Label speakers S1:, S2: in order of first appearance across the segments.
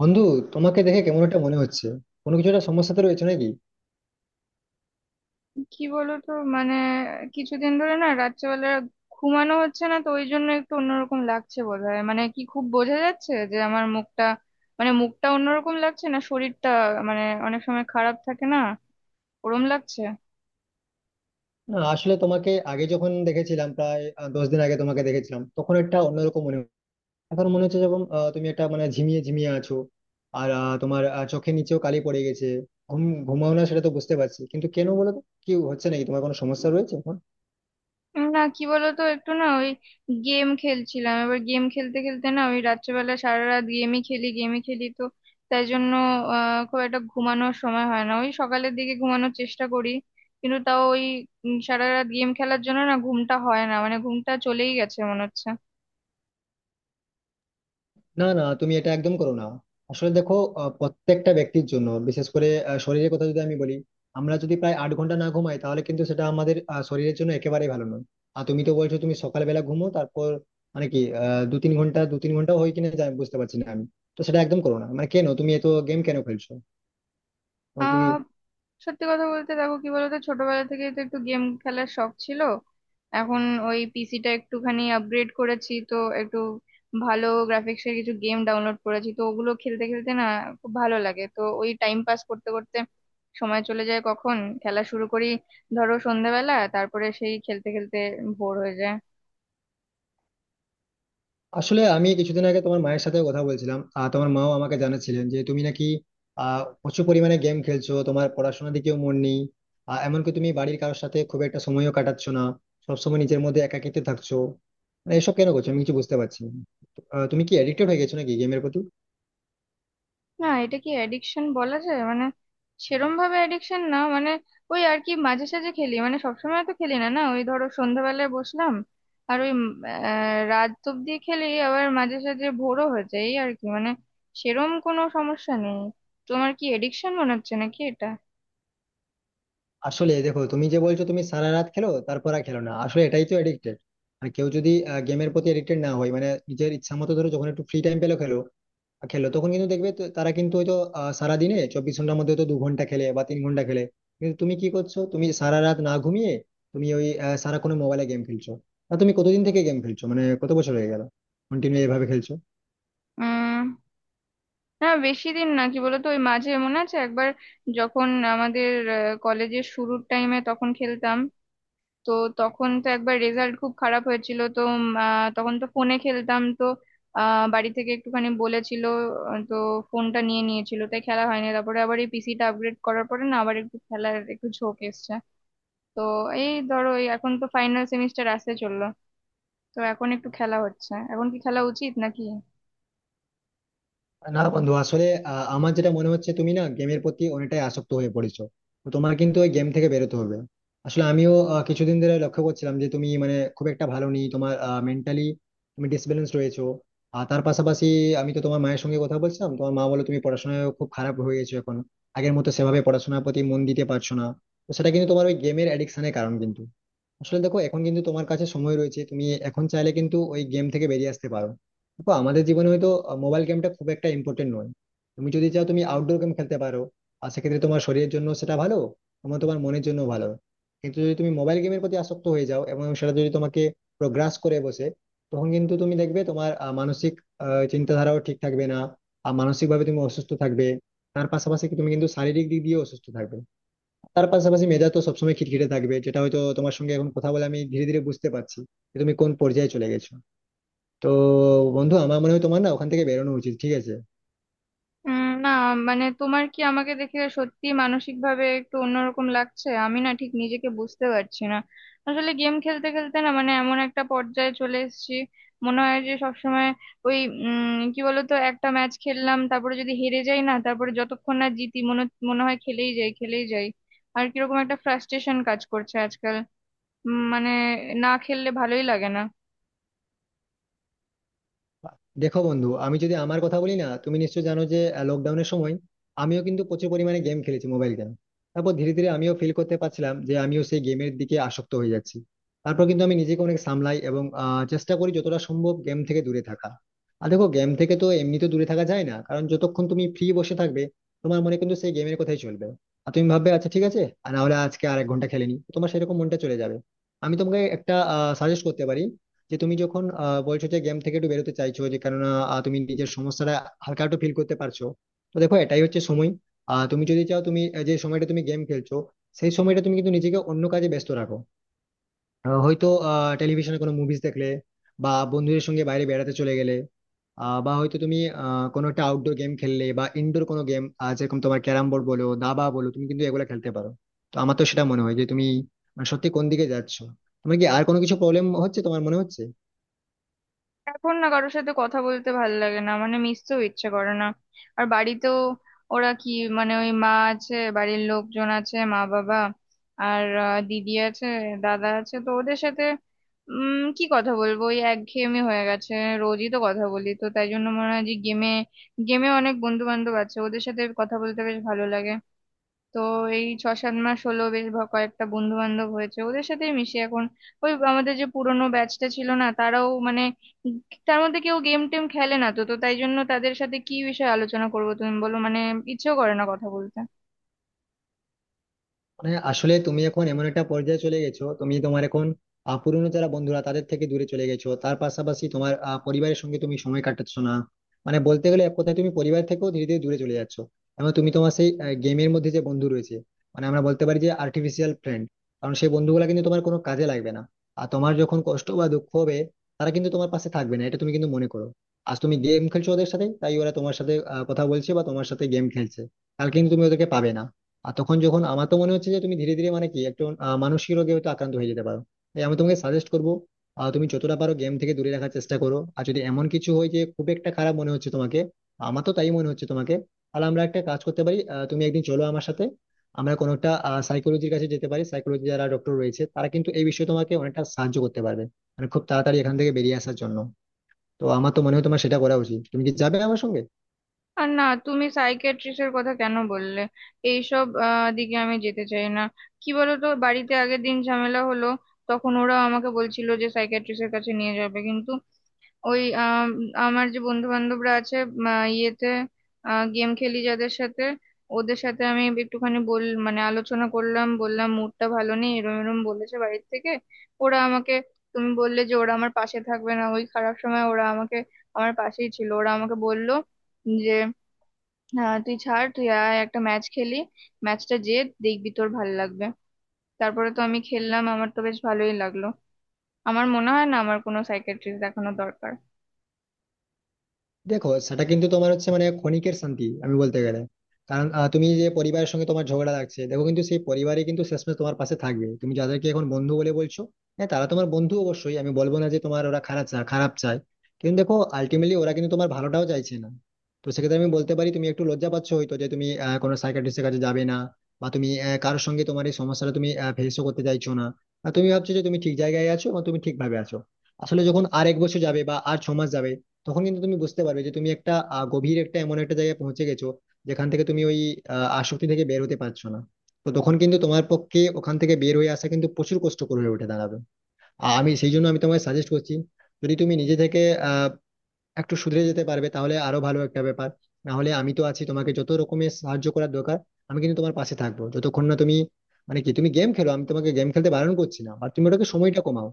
S1: বন্ধু, তোমাকে দেখে কেমন একটা মনে হচ্ছে। কোনো কিছু একটা সমস্যাতে রয়েছে নাকি?
S2: কি বলতো, কিছুদিন ধরে না রাত্রেবেলা ঘুমানো হচ্ছে না, তো ওই জন্য একটু অন্যরকম লাগছে বোধহয়। কি খুব বোঝা যাচ্ছে যে আমার মুখটা, মুখটা অন্যরকম লাগছে, না শরীরটা মানে অনেক সময় খারাপ থাকে না, ওরম লাগছে।
S1: না, আসলে তোমাকে আগে যখন দেখেছিলাম, প্রায় 10 দিন আগে তোমাকে দেখেছিলাম, তখন একটা অন্যরকম মনে হচ্ছে। এখন মনে হচ্ছে যখন তুমি একটা মানে ঝিমিয়ে ঝিমিয়ে আছো, আর তোমার চোখের নিচেও কালি পড়ে গেছে। ঘুম ঘুমাও না সেটা তো বুঝতে পারছি, কিন্তু কেন বলো তো? কি হচ্ছে নাকি? তোমার কোনো সমস্যা রয়েছে এখন?
S2: না কি বলতো, একটু না ওই গেম খেলছিলাম। এবার গেম খেলতে খেলতে না, ওই রাত্রেবেলা সারা রাত গেমই খেলি তো, তাই জন্য খুব একটা ঘুমানোর সময় হয় না। ওই সকালের দিকে ঘুমানোর চেষ্টা করি, কিন্তু তাও ওই সারা রাত গেম খেলার জন্য না ঘুমটা হয় না। ঘুমটা চলেই গেছে মনে হচ্ছে।
S1: না না, তুমি এটা একদম করো না। আসলে দেখো, প্রত্যেকটা ব্যক্তির জন্য, বিশেষ করে শরীরের কথা যদি আমি বলি, আমরা যদি প্রায় 8 ঘন্টা না ঘুমাই তাহলে কিন্তু সেটা আমাদের শরীরের জন্য একেবারেই ভালো নয়। আর তুমি তো বলছো তুমি সকালবেলা ঘুমো, তারপর মানে কি দু তিন ঘন্টা হয় কিনা জানি, বুঝতে পারছি না আমি। তো সেটা একদম করো না, মানে কেন তুমি এত গেম কেন খেলছো? তোমার কি?
S2: আহ সত্যি কথা বলতে দেখো, কি বলতো, ছোটবেলা থেকে তো একটু গেম খেলার শখ ছিল। এখন ওই পিসিটা একটুখানি আপগ্রেড করেছি, তো একটু ভালো গ্রাফিক্সের কিছু গেম ডাউনলোড করেছি, তো ওগুলো খেলতে খেলতে না খুব ভালো লাগে। তো ওই টাইম পাস করতে করতে সময় চলে যায় কখন। খেলা শুরু করি ধরো সন্ধ্যাবেলা, তারপরে সেই খেলতে খেলতে ভোর হয়ে যায়।
S1: আসলে আমি কিছুদিন আগে তোমার মায়ের সাথে কথা বলছিলাম, আর তোমার মাও আমাকে জানাচ্ছিলেন যে তুমি নাকি প্রচুর পরিমাণে গেম খেলছো, তোমার পড়াশোনার দিকেও মন নেই। এমনকি তুমি বাড়ির কারোর সাথে খুব একটা সময়ও কাটাচ্ছ না, সবসময় নিজের মধ্যে একাকিত্বে থাকছো। মানে এসব কেন করছো? আমি কিছু বুঝতে পারছি না। তো, তুমি কি এডিক্টেড হয়ে গেছো নাকি গেমের প্রতি?
S2: না, এটা কি অ্যাডিকশন বলা যায়? সেরম ভাবে অ্যাডিকশন না। ওই আর কি, মাঝে সাঝে খেলি। সবসময় তো খেলি না। না ওই ধরো সন্ধ্যাবেলায় বসলাম, আর ওই রাত অব্দি খেলি, আবার মাঝে সাঝে ভোরও হয়ে যায়, এই আর কি। সেরম কোনো সমস্যা নেই। তোমার কি এডিকশন মনে হচ্ছে নাকি এটা?
S1: আসলে দেখো, তুমি যে বলছো তুমি সারা রাত খেলো, তারপর আর খেলো না, আসলে এটাই তো এডিক্টেড। আর কেউ যদি গেমের প্রতি এডিক্টেড না হয়, মানে নিজের ইচ্ছা মতো, ধরো যখন একটু ফ্রি টাইম পেলো খেলো খেলো তখন কিন্তু দেখবে তো, তারা কিন্তু হয়তো সারাদিনে 24 ঘন্টার মধ্যে হয়তো 2 ঘন্টা খেলে বা 3 ঘন্টা খেলে। কিন্তু তুমি কি করছো? তুমি সারা রাত না ঘুমিয়ে তুমি ওই সারা কোনো মোবাইলে গেম খেলছো। না, তুমি কতদিন থেকে গেম খেলছো? মানে কত বছর হয়ে গেল কন্টিনিউ এভাবে খেলছো?
S2: উম না, বেশি দিন না। কি বলতো, ওই মাঝে মনে আছে একবার, যখন আমাদের কলেজের শুরুর টাইমে তখন খেলতাম। তো তখন তো একবার রেজাল্ট খুব খারাপ হয়েছিল, তো তখন তো ফোনে খেলতাম তো। বাড়ি থেকে একটুখানি বলেছিল। আহ, তো ফোনটা নিয়ে নিয়েছিল, তাই খেলা হয়নি। তারপরে আবার এই পিসিটা আপগ্রেড করার পরে না, আবার একটু খেলার একটু ঝোঁক এসছে। তো এই ধরো এই এখন তো ফাইনাল সেমিস্টার আসতে চললো, তো এখন একটু খেলা হচ্ছে। এখন কি খেলা উচিত নাকি?
S1: না বন্ধু, আসলে আমার যেটা মনে হচ্ছে, তুমি না গেমের প্রতি অনেকটাই আসক্ত হয়ে পড়েছো। তো তোমার কিন্তু ওই গেম থেকে বেরোতে হবে। আসলে আমিও কিছুদিন ধরে লক্ষ্য করছিলাম যে তুমি মানে খুব একটা ভালো নেই, তোমার মেন্টালি তুমি ডিসব্যালেন্স রয়েছো। আর তার পাশাপাশি আমি তো তোমার মায়ের সঙ্গে কথা বলছিলাম, তোমার মা বলে তুমি পড়াশোনায় খুব খারাপ হয়ে গেছো এখন, আগের মতো সেভাবে পড়াশোনার প্রতি মন দিতে পারছো না। তো সেটা কিন্তু তোমার ওই গেমের অ্যাডিকশনের কারণ কিন্তু। আসলে দেখো, এখন কিন্তু তোমার কাছে সময় রয়েছে, তুমি এখন চাইলে কিন্তু ওই গেম থেকে বেরিয়ে আসতে পারো। দেখো, আমাদের জীবনে হয়তো মোবাইল গেমটা খুব একটা ইম্পর্টেন্ট নয়। তুমি যদি চাও তুমি আউটডোর গেম খেলতে পারো, আর সেক্ষেত্রে তোমার শরীরের জন্য সেটা ভালো, তোমার তোমার মনের জন্য ভালো। কিন্তু যদি তুমি মোবাইল গেমের প্রতি আসক্ত হয়ে যাও, এবং সেটা যদি তোমাকে গ্রাস করে বসে, তখন কিন্তু তুমি দেখবে তোমার মানসিক চিন্তাধারাও ঠিক থাকবে না, আর মানসিকভাবে তুমি অসুস্থ থাকবে। তার পাশাপাশি কি তুমি কিন্তু শারীরিক দিক দিয়ে অসুস্থ থাকবে। তার পাশাপাশি মেধা তো সবসময় খিটখিটে থাকবে, যেটা হয়তো তোমার সঙ্গে এখন কথা বলে আমি ধীরে ধীরে বুঝতে পারছি যে তুমি কোন পর্যায়ে চলে গেছো। তো বন্ধু, আমার মনে হয় তোমার না ওখান থেকে বেরোনো উচিত, ঠিক আছে?
S2: না, তোমার কি আমাকে দেখে সত্যি মানসিক ভাবে একটু অন্যরকম লাগছে? আমি না ঠিক নিজেকে বুঝতে পারছি না। আসলে গেম খেলতে খেলতে না, এমন একটা পর্যায়ে চলে এসেছি মনে হয় যে সবসময় ওই কি বলতো, একটা ম্যাচ খেললাম, তারপরে যদি হেরে যাই না, তারপরে যতক্ষণ না জিতি মনে মনে হয় খেলেই যাই খেলেই যাই। আর কিরকম একটা ফ্রাস্ট্রেশন কাজ করছে আজকাল। উম, মানে না খেললে ভালোই লাগে না।
S1: দেখো বন্ধু, আমি যদি আমার কথা বলি না, তুমি নিশ্চয় জানো যে লকডাউনের সময় আমিও কিন্তু প্রচুর পরিমাণে গেম খেলেছি, মোবাইল গেম। তারপর ধীরে ধীরে আমিও ফিল করতে পারছিলাম যে আমিও সেই গেমের দিকে আসক্ত হয়ে যাচ্ছি। তারপর কিন্তু আমি নিজেকে অনেক সামলাই এবং চেষ্টা করি যতটা সম্ভব গেম থেকে দূরে থাকা। আর দেখো, গেম থেকে তো এমনিতে দূরে থাকা যায় না, কারণ যতক্ষণ তুমি ফ্রি বসে থাকবে তোমার মনে কিন্তু সেই গেমের কথাই চলবে। আর তুমি ভাববে আচ্ছা ঠিক আছে, আর না হলে আজকে আর 1 ঘন্টা খেলেনি, তোমার সেরকম মনটা চলে যাবে। আমি তোমাকে একটা সাজেস্ট করতে পারি যে তুমি যখন বলছো যে গেম থেকে একটু বেরোতে চাইছো, যে কেননা তুমি নিজের সমস্যাটা হালকা একটু ফিল করতে পারছো। তো দেখো, এটাই হচ্ছে সময়। তুমি যদি চাও, তুমি যে সময়টা তুমি গেম খেলছো সেই সময়টা তুমি কিন্তু নিজেকে অন্য কাজে ব্যস্ত রাখো। হয়তো টেলিভিশনে কোনো মুভিজ দেখলে, বা বন্ধুদের সঙ্গে বাইরে বেড়াতে চলে গেলে, বা হয়তো তুমি কোনো একটা আউটডোর গেম খেললে বা ইনডোর কোনো গেম, যেরকম তোমার ক্যারাম বোর্ড বলো, দাবা বলো, তুমি কিন্তু এগুলো খেলতে পারো। তো আমার তো সেটা মনে হয় যে তুমি মানে সত্যি কোন দিকে যাচ্ছো। তোমার কি আর কোনো কিছু প্রবলেম হচ্ছে তোমার মনে হচ্ছে?
S2: এখন না কারোর সাথে কথা বলতে ভাল লাগে না, মিশতেও ইচ্ছে করে না। আর বাড়িতেও ওরা কি, ওই মা আছে, বাড়ির লোকজন আছে, মা বাবা, আর দিদি আছে, দাদা আছে। তো ওদের সাথে কি কথা বলবো? ওই একঘেয়েমি হয়ে গেছে। রোজই তো কথা বলি, তো তাই জন্য মনে হয় যে গেমে গেমে অনেক বন্ধু বান্ধব আছে, ওদের সাথে কথা বলতে বেশ ভালো লাগে। তো এই ছ সাত মাস হলো বেশ কয়েকটা বন্ধু বান্ধব হয়েছে, ওদের সাথেই মিশি এখন। ওই আমাদের যে পুরোনো ব্যাচটা ছিল না তারাও, মানে উম তার মধ্যে কেউ গেম টেম খেলে না তো। তো তাই জন্য তাদের সাথে কি বিষয়ে আলোচনা করবো তুমি বলো? ইচ্ছেও করে না কথা বলতে।
S1: মানে আসলে তুমি এখন এমন একটা পর্যায়ে চলে গেছো, তুমি তোমার এখন পুরনো যারা বন্ধুরা তাদের থেকে দূরে চলে গেছো, তার পাশাপাশি তোমার পরিবারের সঙ্গে তুমি সময় কাটাচ্ছ না। মানে বলতে গেলে এক কথায় তুমি পরিবার থেকেও ধীরে ধীরে দূরে চলে যাচ্ছ, এবং তুমি তোমার সেই গেমের মধ্যে যে বন্ধু রয়েছে, মানে আমরা বলতে পারি যে আর্টিফিশিয়াল ফ্রেন্ড, কারণ সেই বন্ধুগুলা কিন্তু তোমার কোনো কাজে লাগবে না। আর তোমার যখন কষ্ট বা দুঃখ হবে, তারা কিন্তু তোমার পাশে থাকবে না, এটা তুমি কিন্তু মনে করো। আজ তুমি গেম খেলছো ওদের সাথে তাই ওরা তোমার সাথে কথা বলছে বা তোমার সাথে গেম খেলছে, কালকে কিন্তু তুমি ওদেরকে পাবে না। আর তখন যখন আমার তো মনে হচ্ছে যে তুমি ধীরে ধীরে মানে কি একটু মানসিক রোগে হয়তো আক্রান্ত হয়ে যেতে পারো। তাই আমি তোমাকে সাজেস্ট করবো, তুমি যতটা পারো গেম থেকে দূরে রাখার চেষ্টা করো। আর যদি এমন কিছু হয় যে খুব একটা খারাপ মনে হচ্ছে তোমাকে, আমার তো তাই মনে হচ্ছে তোমাকে, তাহলে আমরা একটা কাজ করতে পারি, তুমি একদিন চলো আমার সাথে, আমরা কোনো একটা সাইকোলজির কাছে যেতে পারি। সাইকোলজি যারা ডক্টর রয়েছে তারা কিন্তু এই বিষয়ে তোমাকে অনেকটা সাহায্য করতে পারবে, মানে খুব তাড়াতাড়ি এখান থেকে বেরিয়ে আসার জন্য। তো আমার তো মনে হয় তোমার সেটা করা উচিত, তুমি কি যাবে আমার সঙ্গে?
S2: আর না, তুমি সাইকিয়াট্রিস্টের কথা কেন বললে? এইসব দিকে আমি যেতে চাই না। কি বলো তো, বাড়িতে আগের দিন ঝামেলা হলো, তখন ওরা আমাকে বলছিল যে সাইকিয়াট্রিস্টের কাছে নিয়ে যাবে। কিন্তু ওই আমার যে বন্ধু বান্ধবরা আছে, ইয়েতে গেম খেলি যাদের সাথে, ওদের সাথে আমি একটুখানি আলোচনা করলাম, বললাম মুডটা ভালো নেই, এরম এরম বলেছে বাড়ির থেকে, ওরা আমাকে। তুমি বললে যে ওরা আমার পাশে থাকবে না ওই খারাপ সময়, ওরা আমাকে, আমার পাশেই ছিল। ওরা আমাকে বললো যে তুই ছাড়, তুই আয় একটা ম্যাচ খেলি, ম্যাচটা যে দেখবি তোর ভালো লাগবে। তারপরে তো আমি খেললাম, আমার তো বেশ ভালোই লাগলো। আমার মনে হয় না আমার কোনো সাইকিয়াট্রিস্ট দেখানো দরকার।
S1: দেখো, সেটা কিন্তু তোমার হচ্ছে মানে ক্ষণিকের শান্তি, আমি বলতে গেলে। কারণ তুমি যে পরিবারের সঙ্গে তোমার ঝগড়া লাগছে, দেখো কিন্তু সেই পরিবারে কিন্তু শেষমেশ তোমার পাশে থাকবে, তুমি যাদেরকে এখন বন্ধু বলে বলছো, হ্যাঁ তারা তোমার বন্ধু, অবশ্যই আমি বলবো না যে তোমার ওরা খারাপ চায় খারাপ চায়, কিন্তু দেখো আলটিমেটলি ওরা কিন্তু তোমার ভালোটাও চাইছে না। তো সেক্ষেত্রে আমি বলতে পারি, তুমি একটু লজ্জা পাচ্ছ হয়তো যে তুমি কোনো সাইকিয়াট্রিস্টের কাছে যাবে না, বা তুমি কারোর সঙ্গে তোমার এই সমস্যাটা তুমি ফেসও করতে চাইছো না, আর তুমি ভাবছো যে তুমি ঠিক জায়গায় আছো এবং তুমি ঠিকভাবে আছো। আসলে যখন আর 1 বছর যাবে বা আর 6 মাস যাবে, তখন কিন্তু তুমি বুঝতে পারবে যে তুমি একটা গভীর একটা এমন একটা জায়গায় পৌঁছে গেছো, যেখান থেকে তুমি ওই আসক্তি থেকে বের হতে পারছো না। তো তখন কিন্তু তোমার পক্ষে ওখান থেকে বের হয়ে আসা কিন্তু প্রচুর কষ্টকর হয়ে উঠে দাঁড়াবে। আর আমি সেই জন্য আমি তোমায় সাজেস্ট করছি, যদি তুমি নিজে থেকে আহ একটু সুধরে যেতে পারবে তাহলে আরো ভালো একটা ব্যাপার। না হলে আমি তো আছি, তোমাকে যত রকমের সাহায্য করার দরকার আমি কিন্তু তোমার পাশে থাকবো, যতক্ষণ না তুমি মানে কি তুমি গেম খেলো, আমি তোমাকে গেম খেলতে বারণ করছি না, আর তুমি ওটাকে সময়টা কমাও।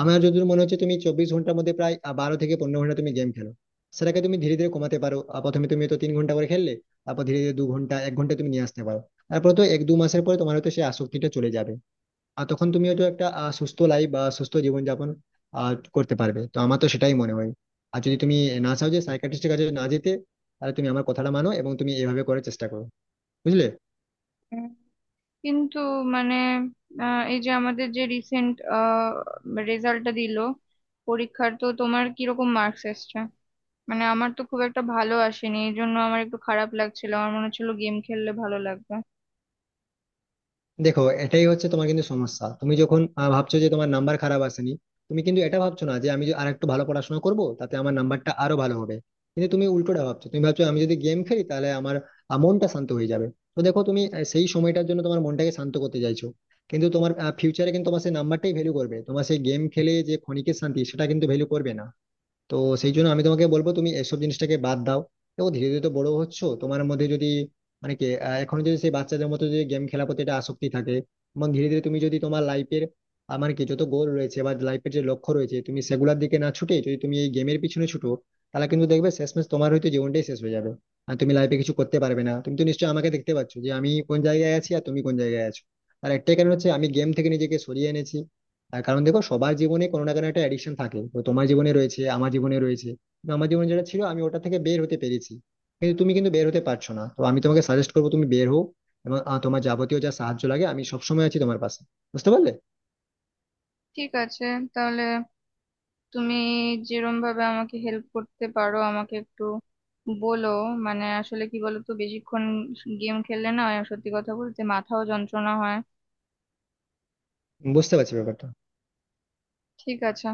S1: আমার যদি মনে হচ্ছে তুমি 24 ঘন্টার মধ্যে প্রায় 12 থেকে 15 ঘন্টা তুমি গেম খেলো, সেটাকে তুমি ধীরে ধীরে কমাতে পারো। প্রথমে তুমি তো 3 ঘন্টা করে খেললে, তারপর ধীরে ধীরে 2 ঘন্টা, 1 ঘন্টা তুমি নিয়ে আসতে পারো। তারপর তো এক দু মাসের পরে তোমার হয়তো সেই আসক্তিটা চলে যাবে। আর তখন তুমি হয়তো একটা সুস্থ লাইফ বা সুস্থ জীবনযাপন করতে পারবে। তো আমার তো সেটাই মনে হয়। আর যদি তুমি না চাও যে সাইকিয়াট্রিস্টের কাছে না যেতে, তাহলে তুমি আমার কথাটা মানো এবং তুমি এভাবে করার চেষ্টা করো, বুঝলে?
S2: কিন্তু মানে এই যে আমাদের যে রিসেন্ট রেজাল্টটা দিল পরীক্ষার, তো তোমার কিরকম মার্কস এসছে? আমার তো খুব একটা ভালো আসেনি, এই জন্য আমার একটু খারাপ লাগছিল, আমার মনে হচ্ছিল গেম খেললে ভালো লাগবে।
S1: দেখো, এটাই হচ্ছে তোমার কিন্তু সমস্যা। তুমি যখন ভাবছো যে তোমার নাম্বার খারাপ আসেনি, তুমি কিন্তু এটা ভাবছো না যে আমি আর একটু ভালো পড়াশোনা করব তাতে আমার নাম্বারটা আরো ভালো হবে, কিন্তু তুমি উল্টোটা ভাবছো, তুমি ভাবছো আমি যদি গেম খেলি তাহলে আমার মনটা শান্ত হয়ে যাবে। তো দেখো, তুমি সেই সময়টার জন্য তোমার মনটাকে শান্ত করতে চাইছো, কিন্তু তোমার ফিউচারে কিন্তু তোমার সেই নাম্বারটাই ভ্যালু করবে, তোমার সেই গেম খেলে যে ক্ষণিকের শান্তি সেটা কিন্তু ভ্যালু করবে না। তো সেই জন্য আমি তোমাকে বলবো তুমি এসব জিনিসটাকে বাদ দাও। দেখো, ধীরে ধীরে তো বড় হচ্ছ, তোমার মধ্যে যদি মানে কি এখনো যদি সেই বাচ্চাদের মতো যদি গেম খেলার প্রতি একটা আসক্তি থাকে, এবং ধীরে ধীরে তুমি যদি তোমার লাইফের মানে কি যত গোল রয়েছে বা লাইফের যে লক্ষ্য রয়েছে তুমি সেগুলোর দিকে না ছুটে যদি তুমি এই গেমের পিছনে ছুটো, তাহলে কিন্তু দেখবে শেষমেশ তোমার হয়তো জীবনটাই শেষ হয়ে যাবে, আর তুমি লাইফে কিছু করতে পারবে না। তুমি তো নিশ্চয়ই আমাকে দেখতে পাচ্ছ যে আমি কোন জায়গায় আছি আর তুমি কোন জায়গায় আছো। আর একটাই কারণ হচ্ছে আমি গেম থেকে নিজেকে সরিয়ে এনেছি। তার কারণ দেখো, সবার জীবনে কোনো না কোনো একটা অ্যাডিকশন থাকে, তো তোমার জীবনে রয়েছে, আমার জীবনে রয়েছে। তো আমার জীবনে যেটা ছিল, আমি ওটা থেকে বের হতে পেরেছি, কিন্তু তুমি কিন্তু বের হতে পারছো না। তো আমি তোমাকে সাজেস্ট করবো তুমি বের হও, এবং তোমার যাবতীয় যা সাহায্য লাগে আমি সবসময় আছি তোমার পাশে, বুঝতে পারলে?
S2: ঠিক আছে, তাহলে তুমি যেরম ভাবে আমাকে হেল্প করতে পারো আমাকে একটু বলো। আসলে কি বলো তো, বেশিক্ষণ গেম খেললে না, সত্যি কথা বলতে মাথাও যন্ত্রণা হয়।
S1: বুঝতে পারছি ব্যাপারটা।
S2: ঠিক আছে।